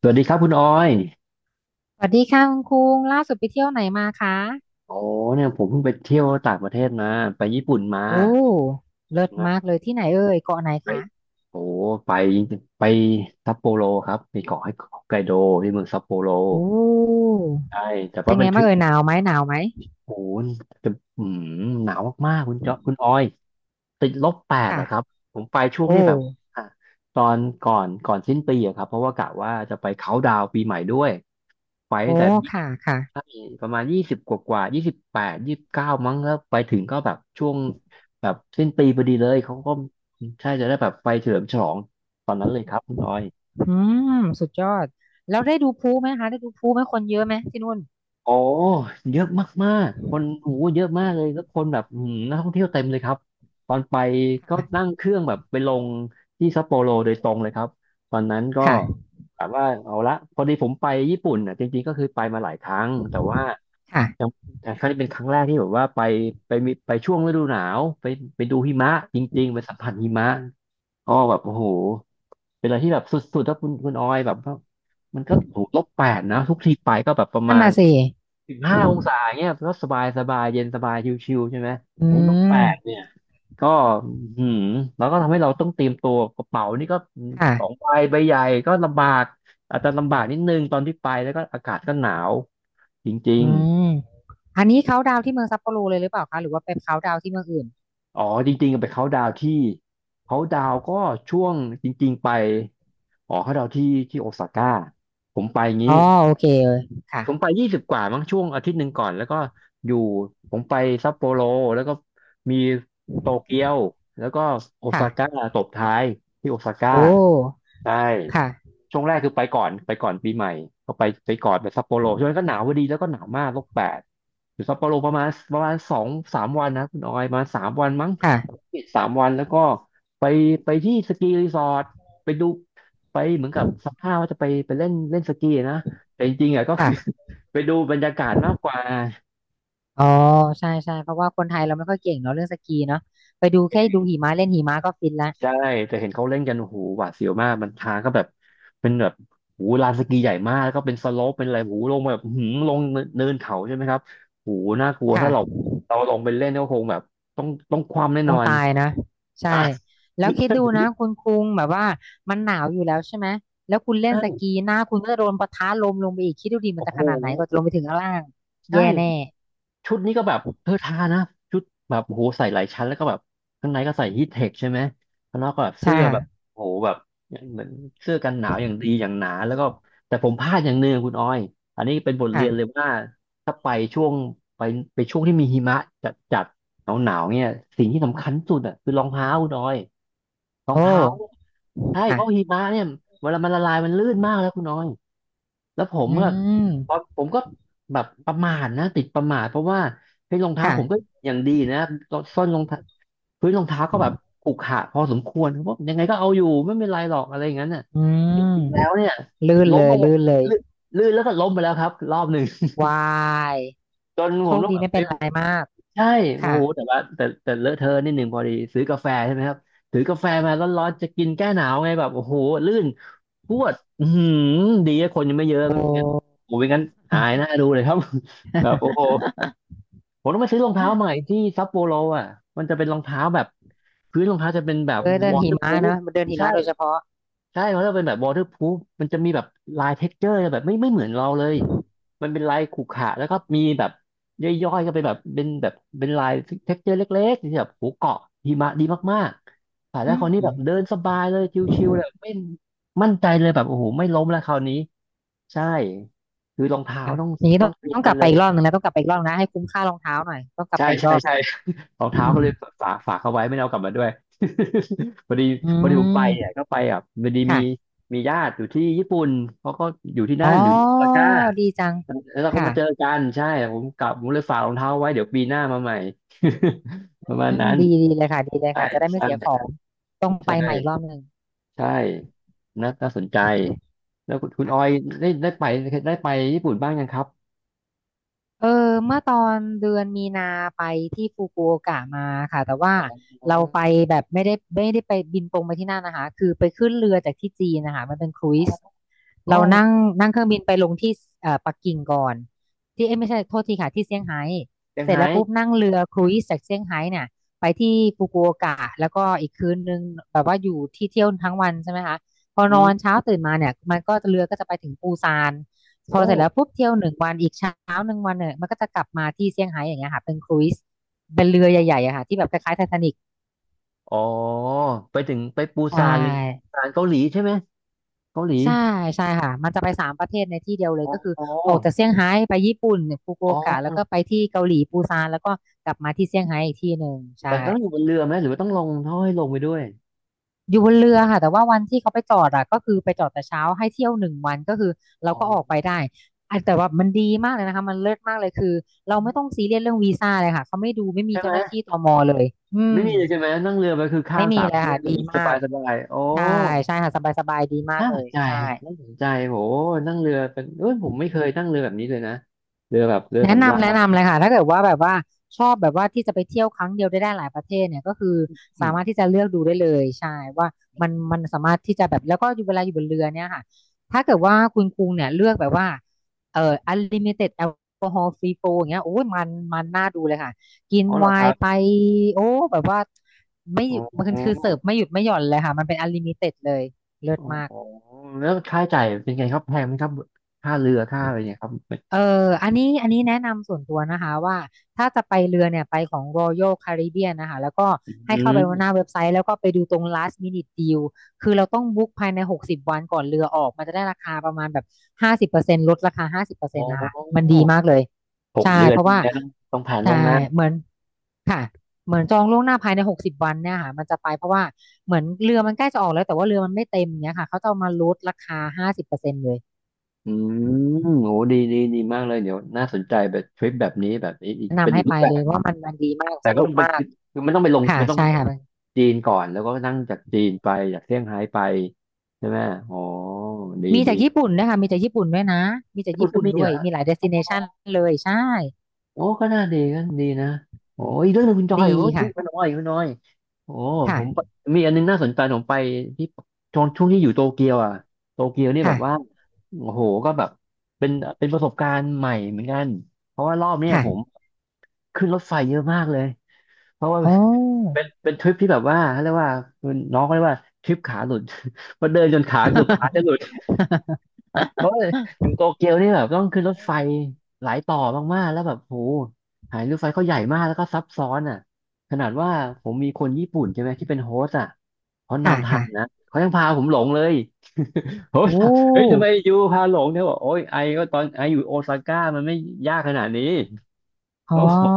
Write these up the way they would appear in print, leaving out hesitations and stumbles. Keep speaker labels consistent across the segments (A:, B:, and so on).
A: สวัสดีครับคุณออย
B: สวัสดีค่ะคุณคุงล่าสุดไปเที่ยวไหนมาคะ
A: โอ้เนี่ยผมเพิ่งไปเที่ยวต่างประเทศมาไปญี่ปุ่นมา
B: โอ้เลิศ
A: นะ
B: มากเลยที่ไหนเอ่ยเกาะไหน
A: ไป
B: คะ
A: โอ้ไปไปซัปโปโรครับไปเกาะไฮไกโดที่เมืองซัปโปโร
B: โอ้
A: ใช่แต่
B: เป็
A: ว่า
B: น
A: เป็
B: ไง
A: นทริ
B: บ้าง
A: ป
B: เอ่ยหนาวไหมหนาวไหม
A: โอ้โหจะอืมหนาวมากๆคุณจ๊อบคุณออยติดลบแปดอะครับ
B: ค่ะ
A: ผมไปช่วง
B: โอ้
A: ที่แบบอ่ะตอนก่อนสิ้นปีอะครับเพราะว่ากะว่าจะไปเขาน์ดาวน์ปีใหม่ด้วยไปตั้ง
B: โอ้
A: แต่ยี่
B: ค่ะค่ะ
A: ใช่ประมาณยี่สิบกว่า2829มั้งแล้วไปถึงก็แบบช่วงแบบสิ้นปีพอดีเลยเขาก็ใช่จะได้แบบไปเฉลิมฉลองตอนนั้นเลยครับคุณออย
B: อืมสุดยอดแล้วได้ดูพลุไหมคะได้ดูพลุไหมคนเยอะไหมที่นู่น
A: อ๋อเยอะมากๆคนโอ้โหเยอะมากเลยแล้วคนแบบนักท่องเที่ยวเต็มเลยครับตอนไปก็นั่
B: ค่ะ
A: งเครื่องแบบไปลงที่ซัปโปโรโดยตรงเลยครับตอนนั้นก็
B: ค่ะ
A: แบบว่าเอาละพอดีผมไปญี่ปุ่นอ่ะจริงๆก็คือไปมาหลายครั้งแต่ว่า
B: ค่ะ
A: ยังแต่ครั้งนี้เป็นครั้งแรกที่แบบว่าไปช่วงฤดูหนาวไปดูหิมะจริงๆไปสัมผัสหิมะอ๋อแบบโอ้โหเป็นอะไรที่แบบสุดๆถ้าคุณออยแบบว่ามันก็ถูกลบแปดนะทุกทีไปก็แบบประ
B: นั่
A: มา
B: น
A: ณ
B: น่ะสิ
A: 15 องศาเนี่ยก็สบายสบายเย็นสบายชิวๆใช่ไหม
B: อื
A: ไอ้นกแปล
B: ม
A: กเนี่ยก็หืมแล้วก็ทำให้เราต้องเตรียมตัวกระเป๋านี่ก็สอง
B: ค่ะ
A: ใบใบใหญ่ก็ลำบากอาจจะลำบากนิดนึงตอนที่ไปแล้วก็อากาศก็หนาวจริง
B: อืมอันนี้เขาดาวน์ที่เมืองซัปโปโรเลยหรือเปล่าคะหรือว่าไปเขาดาวน์ที่เมืองอื่น
A: ๆอ๋อจริงๆไปเขาน์ดาวน์ที่เขาน์ดาวน์ก็ช่วงจริงๆไปอ๋อเขาน์ดาวน์ที่ที่โอซาก้าผมไป
B: อ๋อ
A: งี้
B: โอเคเลย
A: ผม
B: ค่ะ
A: ไป20กว่ามั้งช่วงอาทิตย์หนึ่งก่อนแล้วก็อยู่ผมไปซัปโปโรแล้วก็มีโตเกียวแล้วก็โอ
B: ค่ะ
A: ซาก้าตบท้ายที่โอซาก้า
B: โอ้
A: ใช่
B: ค่ะ
A: ช่วงแรกคือไปก่อนปีใหม่ก็ไปไปก่อนไปซัปโปโรช่วงนั้นก็หนาวพอดีแล้วก็หนาวมากลบแปดอยู่ซัปโปโรประมาณสองสามวันนะคุณออยประมาณสามวันมั้ง
B: ค่ะ
A: สามวันแล้วก็ไปไปที่สกีรีสอร์ทไปดูไปเหมือนกับสมภาพว่าจะไปไปเล่นเล่นสกีนะแต่จริงๆอ่ะก็คือ
B: ค่ะ
A: ไปดูบรรยากาศมากกว่า
B: อ๋อใช่ใช่เพราะว่าคนไทยเราไม่ค่อยเก่งเนาะเรื่องสกีเนาะไปดูแค่ดูหิมะเล่นหิมะก็ฟินละ
A: ใช่แต่เห็นเขาเล่นกันโอ้โหหวาดเสียวมากมันทางก็แบบเป็นแบบโอ้โหลานสกีใหญ่มากแล้วก็เป็นสโลปเป็นอะไรโอ้โหลงแบบอื้อหืมลงเนินเขาใช่ไหมครับโอ้โหน่ากลัว
B: ค่ะ
A: ถ้าเราลงไปเล่นก็คงแบบต้องคว่ำแน่
B: ค
A: นอ
B: ง
A: น
B: ตายนะ ใช่
A: อ่ะ
B: แล้ว คิดดูนะ
A: ใ
B: คุณคุงแบบว่ามันหนาวอยู่แล้วใช่ไหมแล้วคุณเล่นส
A: ช่
B: กีหน้าคุณก็โดนปะทะลมลงไปอีกคิดดูดิมัน
A: โอ้
B: จะ
A: โห
B: ขนาดไหนก็จะลงไปถึงข้างล่าง
A: ใช่
B: แย่แน่
A: ชุดนี้ก็แบบเธอทานะชุดแบบโอ้โหใส่หลายชั้นแล้วก็แบบข้างในก็ใส่ฮีทเทคใช่ไหมข้างนอกก็แบบ
B: ใช่
A: เสื้อแบ
B: ค่ะ
A: บโอ้โหแบบเหมือนเสื้อกันหนาวอย่างดีอย่างหนาแล้วก็แต่ผมพลาดอย่างหนึ่งคุณออยอันนี้เป็นบทเรียนเลย
B: ค่ะ
A: ว่าถ้าช่วงไปไปช่วงที่มีหิมะจัดจัดหนาวหนาวๆเนี่ยสิ่งที่สำคัญสุดอ่ะคือรองเท้าคุณออยรอง
B: โอ้
A: เท้าใช่เพราะหิ
B: ค่ะ
A: มะเนี่ยเวลามันละลายมันลื่นมากแล้วคุณออย แล้วผม
B: อื
A: ก็ตอน
B: ม
A: ผมก็แบบประมาทนะติดประมาทเพราะว่าเฮ้ยรองเท้าผมก็
B: ค่ะ
A: อย่างดีนะส้นรองเท้าพื้นรองเท้าก็แบบขรุขระพอสมควรเพราะยังไงก็เอาอยู่ไม่เป็นไรหรอกอะไรอย่างนั้นน่ะ
B: อื
A: แต่
B: ม
A: จริงๆแล้วเนี่ย
B: ลื่น
A: ล้
B: เล
A: มไป
B: ย
A: เล
B: ลื่
A: ย
B: นเลย
A: ลื่นลื่นแล้วก็ล้มไปแล้วครับรอบหนึ่ง
B: วาย
A: จน
B: โช
A: ผม
B: ค
A: ต้อง
B: ดี
A: แบบ
B: ไม่
A: ไป
B: เป็นไรมาก
A: ใช่โอ้
B: ค่ะ
A: โหแต่ว่าแต่แต่เลอะเทอะนิดหนึ่งพอดี ซื้อกาแฟใช่ไหมครับถือกาแฟมาร้อนๆจะกินแก้หนาวไงแบบโอ้โหลื่นพรวดอือหือดีอะคนยังไม่เยอะ
B: โอ
A: ไม่งั้น
B: ้
A: โอ้ยงั้นอายหน้าดูเลยครับ แบบโอ้โหผมต้องไปซื้อรองเท้าใหม่ที่ซัปโปโรอ่ะมันจะเป็นรองเท้าแบบพื้นรองเท้าจะเป็นแบบ
B: เออเดิ
A: ว
B: น
A: อ
B: หิ
A: เตอร์พ
B: มะ
A: o ู
B: เน
A: ฟ
B: อะเดินหิ
A: ใช่
B: มะโดยเฉพาะ
A: ใช่เขาจะเป็นแบบ waterproof มันจะมีแบบลาย texture แบบไม่เหมือนเราเลยมันเป็นลายขรุขระแล้วก็มีแบบย่อยๆก็เป็นลาย texture เล็กๆที่แบบหูเกาะหิมะดีมากๆใส่ายแล้
B: อื
A: วคราวนี้แบ
B: ม
A: บเดินสบายเลยชิวๆเลยไม่มั่นใจเลยแบบโอ้โหไม่ล้มแล้วคราวนี้ใช่คือรองเท้า
B: อ่ะ
A: ต้อง
B: อย่างนี้
A: ต้
B: ต้
A: อ
B: อ
A: ง
B: ง
A: เตรียม
B: ต้องก
A: ไว้
B: ลับ
A: เล
B: ไปอี
A: ย
B: กรอบหนึ่งนะต้องกลับไปอีกรอบนะให้คุ้มค่ารองเท้าหน่อยต้องกลับ
A: ใช่
B: ไปอีก
A: ใช่
B: รอบ
A: ใช่ รอง
B: อื
A: เท้า
B: ม
A: ก็เลยฝากเขาไว้ไม่ได้เอากลับมาด้วย พอดี
B: อื
A: พอดีผมไปเนี่ย
B: ม
A: ก็ไปอ่ะพอดีมี
B: ค่ะ
A: มีญาติอยู่ที่ญี่ปุ่นเขาก็อยู่ที่
B: อ๋
A: นั่
B: อ
A: นอยู่ที่โอซาก้า
B: ดีจัง
A: แล้วเราก็
B: ค่ะ
A: มาเจอกันใช่ผมกลับผมเลยฝากรองเท้าไว้เดี๋ยวปีหน้ามาใหม่
B: อ
A: ประมาณ
B: ืม
A: นั้น
B: ดีดีเลยค่ะดีเลย
A: ใช่
B: ค่ะจะได้ไม่เสียขอ
A: ใช่
B: งต้องไป
A: ใช่
B: ใหม่อีกรอบหนึ่ง
A: ใช่นะาน่าสนใจแล้วคุณคุณ
B: ค่ะ
A: ออยได้ไปได้ไปญี่ปุ่นบ้างยังครับ
B: เออเมื่อตอนเดือนมีนาไปที่ฟุกุโอกะมาค่ะแต่ว่า
A: อ๋อ
B: เราไปแบบไม่ได้ไม่ได้ไปบินตรงไปที่นั่นนะคะคือไปขึ้นเรือจากที่จีนนะคะมันเป็นครูซ
A: อ๋อ
B: เรานั่งนั่งเครื่องบินไปลงที่ปักกิ่งก่อนที่เอ้ยไม่ใช่โทษทีค่ะที่เซี่ยงไฮ้
A: เซี่ยง
B: เสร็จ
A: ไฮ้
B: แล้วปุ๊บนั่งเรือครูซจากเซี่ยงไฮ้เนี่ยไปที่ฟุกุโอกะแล้วก็อีกคืนนึงแบบว่าอยู่ที่เที่ยวทั้งวันใช่ไหมคะพอ
A: อื
B: นอน
A: ม
B: เช้าตื่นมาเนี่ยมันก็เรือก็จะไปถึงปูซานพอ
A: โอ้
B: เสร็จแล้วปุ๊บเที่ยวหนึ่งวันอีกเช้าหนึ่งวันเนี่ยมันก็จะกลับมาที่เซี่ยงไฮ้อย่างเงี้ยค่ะเป็นครูซเป็นเลยอะค่ะที่แบบคล้ายๆไททานิก
A: อ๋อไปถึงไปปู
B: ใช่
A: ซานเลยปูซานเกาหลีใช่ไหมเกาหลี
B: ใช่ใช่ค่ะมันจะไปสามประเทศในที่เดียวเลย
A: อ๋อ
B: ก็คือ
A: อ๋อ
B: ออกจากเซี่ยงไฮ้ไปญี่ปุ่นฟุกุ
A: อ๋อ
B: โอกะแล้วก็ไปที่เกาหลีปูซานแล้วก็กลับมาที่เซี่ยงไฮ้อีกที่หนึ่งใช่
A: แต่ต้องอยู่บนเรือไหมหรือว่าต้องลงเขาให้ลงไปด้วย
B: อยู่บนเรือค่ะแต่ว่าวันที่เขาไปจอดอะก็คือไปจอดแต่เช้าให้เที่ยวหนึ่งวันก็คือเรา
A: อ๋อ
B: ก็ออกไปได้อ่ะแต่ว่ามันดีมากเลยนะคะมันเลิศมากเลยคือเราไม่ต้องซีเรียสเรื่องวีซ่าเลยค่ะเขาไม่ดูไม่มี
A: ใช่ไห
B: เจ้า
A: ม
B: หน้าที่ตมเลยอื
A: ไม่
B: ม
A: มีเลยใช่ไหมนั่งเรือไปคือข้า
B: ไม่
A: ม
B: มี
A: สาม
B: เล
A: ประ
B: ย
A: เท
B: ค่ะ
A: ศเล
B: ดี
A: ยส
B: มา
A: บา
B: ก
A: ยสบายโอ้
B: ใช่ใช่ค่ะสบายสบายดีมาก
A: น่า
B: เล
A: สน
B: ย
A: ใจ
B: ใช่
A: น่าสนใจโหนั่งเรือเป็นเอ้ยผมไม่เคยนั่งเรือแบบนี้เลยนะเรือแบบเรือ
B: แนะ
A: สำรา
B: นำ
A: ญ
B: แนะนำเลยค่ะถ้าเกิดว่าแบบว่าชอบแบบว่าที่จะไปเที่ยวครั้งเดียวได้ได้หลายประเทศเนี่ยก็คือ
A: อื
B: สามารถ
A: ม
B: ที่จะเลือกดูได้เลยใช่ว่ามันมันสามารถที่จะแบบแล้วก็อยู่เวลาอยู่บนเรือเนี่ยค่ะถ้าเกิดว่าคุณกรุงเนี่ยเลือกแบบว่าunlimited alcohol free flow อย่างเงี้ยโอ้ยมันมันน่าดูเลยค่ะกิน
A: อ๋อเหร
B: ไว
A: อครั
B: น์ไป
A: บ
B: โอ้แบบว่าไม่ห
A: อ๋
B: ยุดมันคือ
A: อ
B: เสิร์ฟไม่หยุดไม่หย่อนเลยค่ะมันเป็น unlimited เลยเลิ
A: อ๋
B: ศ
A: อ
B: มาก
A: แล้วค่าใช้จ่ายเป็นไงครับแพงไหมครับค่าเรือค่าอะไรเนี่ยครับ
B: เอออันนี้อันนี้แนะนำส่วนตัวนะคะว่าถ้าจะไปเรือเนี่ยไปของ Royal Caribbean นะคะแล้วก็
A: อื
B: ให้เข้าไปหน้า
A: ม
B: เว็บไซต์แล้วก็ไปดูตรง last minute deal คือเราต้องบุ๊กภายใน60วันก่อนเรือออกมันจะได้ราคาประมาณแบบ50%ลดราคา
A: อ๋
B: 50%นต์นะคะมัน
A: อ
B: ดีมากเลย
A: หก
B: ใช่
A: เดือน
B: เพ
A: พ
B: ราะ
A: วก
B: ว่า
A: เนี้ยต้องผ่านล่
B: ใช่
A: วงหน้า
B: เหมือนค่ะเหมือนจองล่วงหน้าภายใน60วันเนี่ยค่ะมันจะไปเพราะว่าเหมือนเรือมันใกล้จะออกแล้วแต่ว่าเรือมันไม่เต็มเนี้ยค่ะเขาจะเอามาลดราคา50%เลย
A: อืมโหดีดีดีมากเลยเดี๋ยวน่าสนใจแบบทริปแบบนี้แบบนี้อีก
B: แนะ
A: เป็น
B: นำ
A: อี
B: ให้
A: กรู
B: ไป
A: ปแบบ
B: เลยว่ามันมันดีมาก
A: แต่
B: ส
A: ก็
B: นุ
A: ต้
B: ก
A: องไป
B: มาก
A: คือคือไม่ต้องไปลง
B: ค่ะ
A: ไม่ต้องไป
B: ใช่
A: ล
B: ค่ะ
A: ง
B: มัน
A: จีนก่อนแล้วก็นั่งจากจีนไปจากเซี่ยงไฮ้ไปใช่ไหมอ๋อดี
B: มี
A: ดี
B: จากญี่ปุ่นด้วยค่ะมีจากญี่ปุ่นด้วยนะมีจาก
A: ญี่ปุ่
B: ญี่
A: นก็
B: ปุ่น
A: มี
B: ด้
A: เห
B: ว
A: ร
B: ย
A: อ
B: มีหลายเดสติเนชันเลยใช่
A: โอ้ก็น่าดีก็ดีนะโอ้อีกเรื่องหนึ่งคุณจอ
B: ดี
A: ยโอ้ยอี
B: ค่ะ
A: กไมุณน้อยคุ่น้อยโอ้ผมไป
B: ค่ะ
A: มีอันนึงน่าสนใจผมไปที่ช่วงที่อยู่โตเกียวอ่ะโตเกียวนี่แบบว่า
B: ค่ะ
A: โอ้โหก็แบบเป็นเป็นประสบการณ์ใหม่เหมือนกันเพราะว่ารอบเนี้ย
B: ค่ะ
A: ผมขึ้นรถไฟเยอะมากเลยเพราะว่า
B: โอ้
A: เป็นทริปที่แบบว่าเขาเรียกว่าน้องเขาเรียกว่าทริปขาหลุด เพราะเดินจนขาเกือบขาจะหลุด เพราะว่าอยู่โตเกียวนี่แบบต้องขึ้นรถไฟหลายต่อมากๆแล้วแบบโหหายรถไฟเขาใหญ่มากแล้วก็ซับซ้อนอ่ะขนาดว่าผมมีคนญี่ปุ่นใช่ไหมที่เป็นโฮสต์อ่ะเขา
B: ค่ะ
A: นำทาง
B: ค่ะ
A: นะเขายังพาผมหลงเลย ผม
B: โอ้
A: ถามเฮ้ยทำไมอยู่พาหลงเนี่ยบอกโอ้ยไอก็ตอนไออยู่โอซาก้ามันไม่ยากขนาดนี้
B: อ๋
A: เขา
B: อ
A: บอก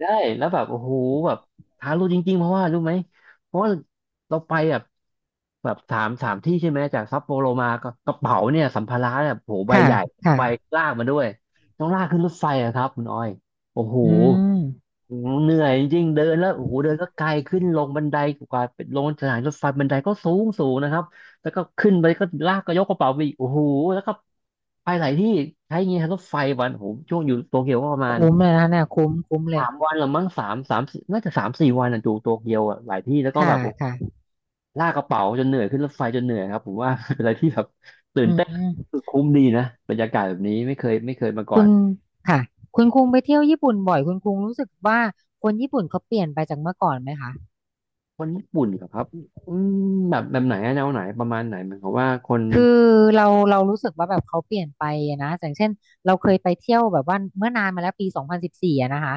A: ได้แล้วแบบโอ้โหแบบท้ารู้จริงๆเพราะว่ารู้ไหมเพราะว่าเราไปแบบแบบสามที่ใช่ไหมจากซัปโปโรมาก็กระเป๋าเนี่ยสัมภาระแบบโหใบ
B: ค่ะ
A: ใหญ่
B: ค่ะ
A: ใบลากมาด้วยต้องลากขึ้นรถไฟอะครับคุณอ้อยโอ้โห
B: อืม
A: เหนื่อยจริงๆเดินแล้วโอ้โหเดินก็ไกลขึ้นลงบันไดกว่าเป็นลงสถานีรถไฟบันไดก็สูงสูงนะครับแล้วก็ขึ้นไปก็ลากก็ยกกระเป๋าไปอีกโอ้โหแล้วก็ไปหลายที่ใช้เงี้ยรถไฟวันโอ้โหช่วงอยู่โตเกียวก็ประมาณ
B: คุ้มเลยนะคะเนี่ยคุ้มคุ้มเลย
A: สามวันละมั้งสามน่าจะสามสี่วันอ่ะอยู่โตเกียวอ่ะหลายที่แล้วก็แบ
B: ค่ะ
A: บโอ้โห
B: ค่ะ
A: ลากกระเป๋าจนเหนื่อยขึ้นรถไฟจนเหนื่อยครับผมว่า เป็นอะไรที่แบบตื่
B: อื
A: นเต้น
B: ม
A: รู้สึกคุ้มดีนะบรรยากาศแบบนี้ไม่เคยไม่เคยมาก่อ
B: คุณ
A: น
B: ค่ะคุณคุงไปเที่ยวญี่ปุ่นบ่อยคุณคุงรู้สึกว่าคนญี่ปุ่นเขาเปลี่ยนไปจากเมื่อก่อนไหมคะ
A: คนญี่ปุ่นเหรอครับอืมแบบแบบไหนอะแนวไหนประมาณไหนหมายความว่าคน
B: คือเรารู้สึกว่าแบบเขาเปลี่ยนไปอะนะอย่างเช่นเราเคยไปเที่ยวแบบว่าเมื่อนานมาแล้วปีสองพันสิบสี่อะนะคะ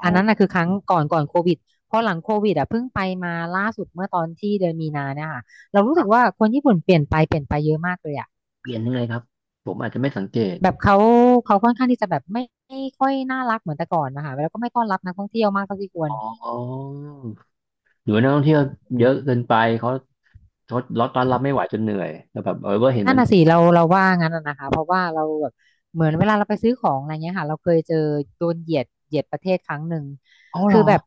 A: อ๋
B: อั
A: อ
B: นนั้นนะคือครั้งก่อนก่อนโควิดพอหลังโควิดอะเพิ่งไปมาล่าสุดเมื่อตอนที่เดือนมีนาเนี่ยค่ะเรา
A: ค
B: รู้สึ
A: รั
B: กว่า
A: บ
B: คนญี่ปุ่นเปลี่ยนไปเปลี่ยนไปเยอะมากเลยอะ
A: เปลี่ยนยังไงครับผมอาจจะไม่สังเกต
B: แบบเขาค่อนข้างที่จะแบบไม่ค่อยน่ารักเหมือนแต่ก่อนนะคะแล้วก็ไม่ต้อนรับนักท่องเที่ยวมากเท่าที่ควร
A: อ๋อหรือว่านักท่องเที่ยวเยอะเกินไปเขาเขาล็อตต้อนรับไม่ไหวจนเหนื่อยแล้วแบบเออเห็น
B: นั่
A: มั
B: น
A: น
B: น่ะสิเราว่างั้นน่ะนะคะเพราะว่าเราแบบเหมือนเวลาเราไปซื้อของอะไรเงี้ยค่ะเราเคยเจอโดนเหยียดประเทศครั้งหนึ่ง
A: อ๋อเหร
B: คือ
A: อ
B: แบบ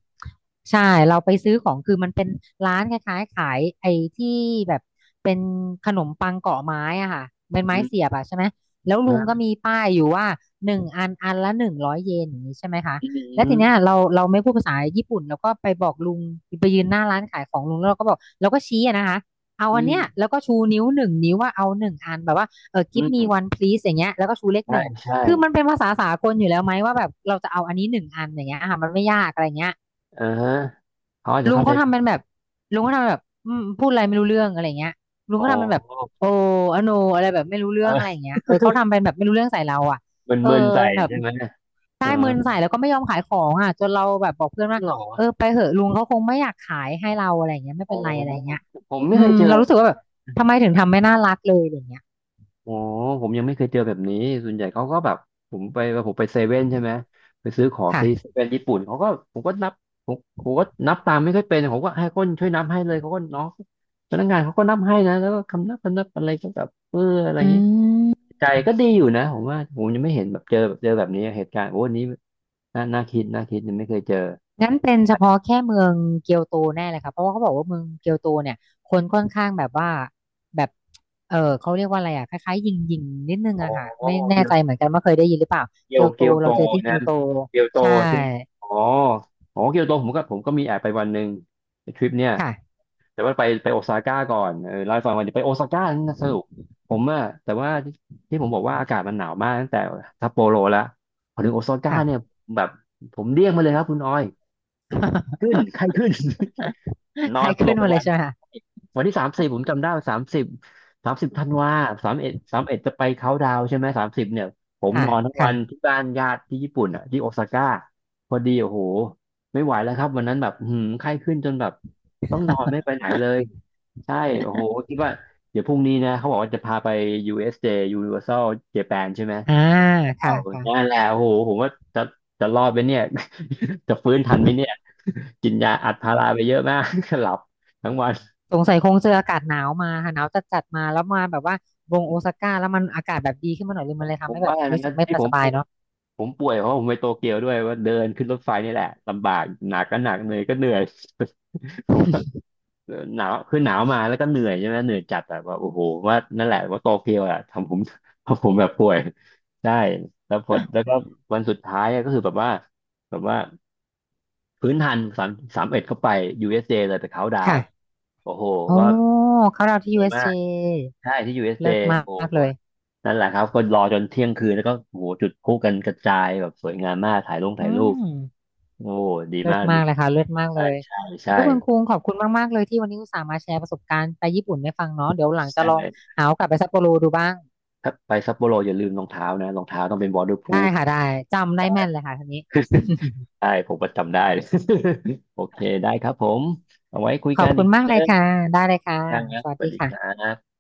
B: ใช่เราไปซื้อของคือมันเป็นร้านคล้ายๆขายไอ้ที่แบบเป็นขนมปังเกาะไม้อ่ะค่ะเป็นไม้
A: อื
B: เสี
A: ม
B: ยบอ่ะใช่ไหมแล้วลุงก็มีป้ายอยู่ว่าหนึ่งอันอันละหนึ่งร้อยเยนอย่างนี้ใช่ไหมคะ
A: อื
B: แล้ว
A: ม
B: ทีเนี้ยเราไม่พูดภาษาญี่ปุ่นเราก็ไปบอกลุงไปยืนหน้าร้านขายของลุงแล้วเราก็บอกเราก็ชี้อะนะคะ เอา
A: อื
B: อันเนี้ย
A: ม
B: แล้วก็ชูนิ้วหนึ่งนิ้วว่าเอาหนึ่งอันแบบว่าเออ
A: อื
B: give me
A: ม
B: one please อย่างเงี้ยแล้วก็ชูเลข
A: ใช่
B: หนึ่ง
A: ใช่
B: คือมันเป็นภาษาสากลอยู่แล้วไหมว่าแบบเราจะเอาอันนี้หนึ่งอันอย่างเงี้ยอ่ะมันไม่ยากอะไรเงี้ย
A: เออฮะเขาอาจจะ
B: ลุง
A: เข้าใจ
B: เขาทำ
A: ผิ
B: เป็น
A: ด
B: แบบลุงเขาทำเป็นแบบพูดอะไรไม่รู้เรื่องอะไรเงี้ยลุง
A: โอ
B: เขาทำเป็นแบบ
A: ้
B: โอ้อโนอะไรแบบไม่รู้เรื่อง
A: เอ
B: อะไรอย่า
A: อ
B: งเงี้ยเออเขาทำเป็นแบบไม่รู้เรื่องใส่เราอ่ะ เออ
A: มึนๆใส่
B: แบบ
A: ใช่ไหมเอ
B: ได้
A: อ
B: เมินใส่แล้วก็ไม่ยอมขายของอ่ะจนเราแบบบอกเพื่อนว่า
A: หรอ
B: เออไปเหอะลุงเขาคงไม่อยากขายให้เราอะไร่เงี้ยไม่
A: อ๋อ
B: เป็นไรอะไรงเงี้ย
A: ผมไม่เคยเจอ
B: เรารู้สึกว่าแบบทำไมถึงทำไม่น่ารักเลยอย่างเงี้ย
A: โอ้ผมยังไม่เคยเจอแบบนี้ส่วนใหญ่เขาก็แบบผมไปผมไปเซเว่นใช่ไหมไปซื้อของ
B: ค่ะ
A: ซีเซเว่นญี่ปุ่นเขาก็ผมก็นับผมก็นับตามไม่ค่อยเป็นผมก็ให้คนช่วยนับให้เลยเขาก็น้องพนักงานเขาก็นับให้นะแล้วก็คำนับคำนับอะไรก็แบบเอออะไรอ
B: อื
A: ย่างนี้
B: ม
A: ใจก็ดีอยู่นะผมว่าผมยังไม่เห็นแบบเจอแบบเจอแบบนี้เหตุการณ์โอ้อันนี้น่าน่าคิดน่าคิดยังไม่เคยเจอ
B: งั้นเป็นเฉพาะแค่เมืองเกียวโตแน่เลยค่ะเพราะว่าเขาบอกว่าเมืองเกียวโตเนี่ยคนค่อนข้างแบบว่าแบบเออเขาเรียกว่าอะไรอ่ะคล้ายๆยิงยิงนิดนึง
A: โอ้
B: อะค่ะไม่แน่
A: เกียว
B: ใจเหมือนกันว่าเคยได้ยินหรือเปล่าเกียวโต
A: โต
B: เราเจอที่เกี
A: นะ
B: ยวโต
A: เกียวโต
B: ใช่
A: ใช่ไหมอ๋ออ๋อเกียวโตผมก็มีแอบไปวันหนึ่งในทริปเนี่ย
B: ค่ะ
A: แต่ว่าไปไปโอซาก้าก่อนเออไล่าให้ฟังวันนี้ไปโอซาก้านี่นะสรุปผมอะแต่ว่าที่ที่ผมบอกว่าอากาศมันหนาวมากตั้งแต่ซัปโปโรแล้วพอถึงโอซาก้า
B: ค่ะ
A: เนี่ยแบบผมเรียกมาเลยครับคุณออยขึ้นไข้ขึ้น น อ
B: ใคร
A: นสล
B: ขึ้
A: บ
B: น
A: ไป
B: มาเล
A: วั
B: ย
A: น
B: ใช่ไหมคะ
A: ที่สามสิบผมจำได้สามสิบสามสิบธันวาสามเอ็ดจะไปเขาน์ดาวน์ใช่ไหมสามสิบเนี่ยผมน
B: ค่ะ
A: อนทั้งวัน
B: ค่ะ
A: ที่บ้านญาติที่ญี่ปุ่นอ่ะที่โอซาก้าพอดีโอ้โหไม่ไหวแล้วครับวันนั้นแบบหืมไข้ขึ้นจนแบบต้องนอนไม่ไปไหนเลยใช่โอ้โหคิดว่าเดี๋ยวพรุ่งนี้นะเขาบอกว่าจะพาไป USJ Universal Japan ใช่ไหม
B: อ่าค่ะ
A: อ้าวนั่
B: ค่ะ
A: นแหละโอ้โหผมว่าจะจะรอดไหมเนี่ย จะฟื้นทันไหมเนี่ย กินยาอัดพาราไปเยอะมาก หลับทั้งวัน
B: สงสัยคงเจออากาศหนาวมาค่ะหนาวจัดจัดมาแล้วมาแบบว่าว
A: ผ
B: งโอ
A: ม
B: ซาก้าแล้วมันอากาศแบบดีขึ้นมาหน่อยเลย
A: ผ
B: มัน
A: ม
B: เลย
A: ผ
B: ทำ
A: ม
B: ให้แบ
A: ว่า
B: บรู้สึ
A: นะ
B: กไม่
A: ที่ผ
B: ส
A: มป
B: บาย
A: วย
B: เนาะ
A: ผมป่วยเพราะผมไปโตเกียวด้วยว่าเดินขึ้นรถไฟนี่แหละลำบากหนักก็หนักเหนื่อยก็เหนื่อย ผมว่าหนาวคือหนาวมาแล้วก็เหนื่อยใช่ไหมเหนื่อยจัดแบบว่าโอ้โหว่านั่นแหละว่าโตเกียวอะทำผม ทำผมแบบป่วยใช่แล้วพอแล้ว
B: อ่ะ
A: ก็วันสุดท้ายอะก็คือแบบว่าพื้นทันสามเอ็ดเข้าไป USJ เอสเจเลยไปเขาน์ดาวน์
B: ค่ะ
A: โอ้โห
B: โอ้
A: ก็
B: เขาเราที่
A: สวยมา
B: USJ
A: ก
B: เอสเจ
A: ใช่ที่ USJ
B: เลิศม
A: โอ้
B: าก
A: โห
B: เลย
A: นั่นแหละครับคนรอจนเที่ยงคืนแล้วก็โอ้โหจุดพลุกันกระจายแบบสวยงามมากถ่ายลง
B: อื
A: ถ่ายรูป
B: ม
A: โอ้ดี
B: เลิ
A: มา
B: ศ
A: ก
B: มา
A: มิ
B: กเลยค่ะเลิศมากเล
A: ใช่
B: ย
A: ใช่
B: เ้
A: ใช่
B: ยคุณคุงขอบคุณมากๆเลยที่วันนี้อุตส่าห์มาแชร์ประสบการณ์ไปญี่ปุ่นให้ฟังเนาะเดี๋ยวหลัง
A: ใช
B: จะลอง
A: ่
B: หาโอกาสไปซัปโปโรดูบ้าง
A: ถ้าไปซัปโปโรอย่าลืมรองเท้านะรองเท้าต้องเป็น
B: ได้
A: waterproof
B: ค่ะได้จำได้แม่นเลยค่ะทีนี้
A: ใช่ผมประจำได้ โอเคได้ครับผมเอาไว้คุย
B: ขอ
A: กั
B: บ
A: น
B: คุ
A: อี
B: ณ
A: กที
B: มาก
A: นึ
B: เลย
A: ง
B: ค่ะได้เลยค่ะ
A: นะครับ
B: สวั
A: ส
B: ส
A: วัส
B: ดี
A: ดีครั
B: ค่ะ
A: บ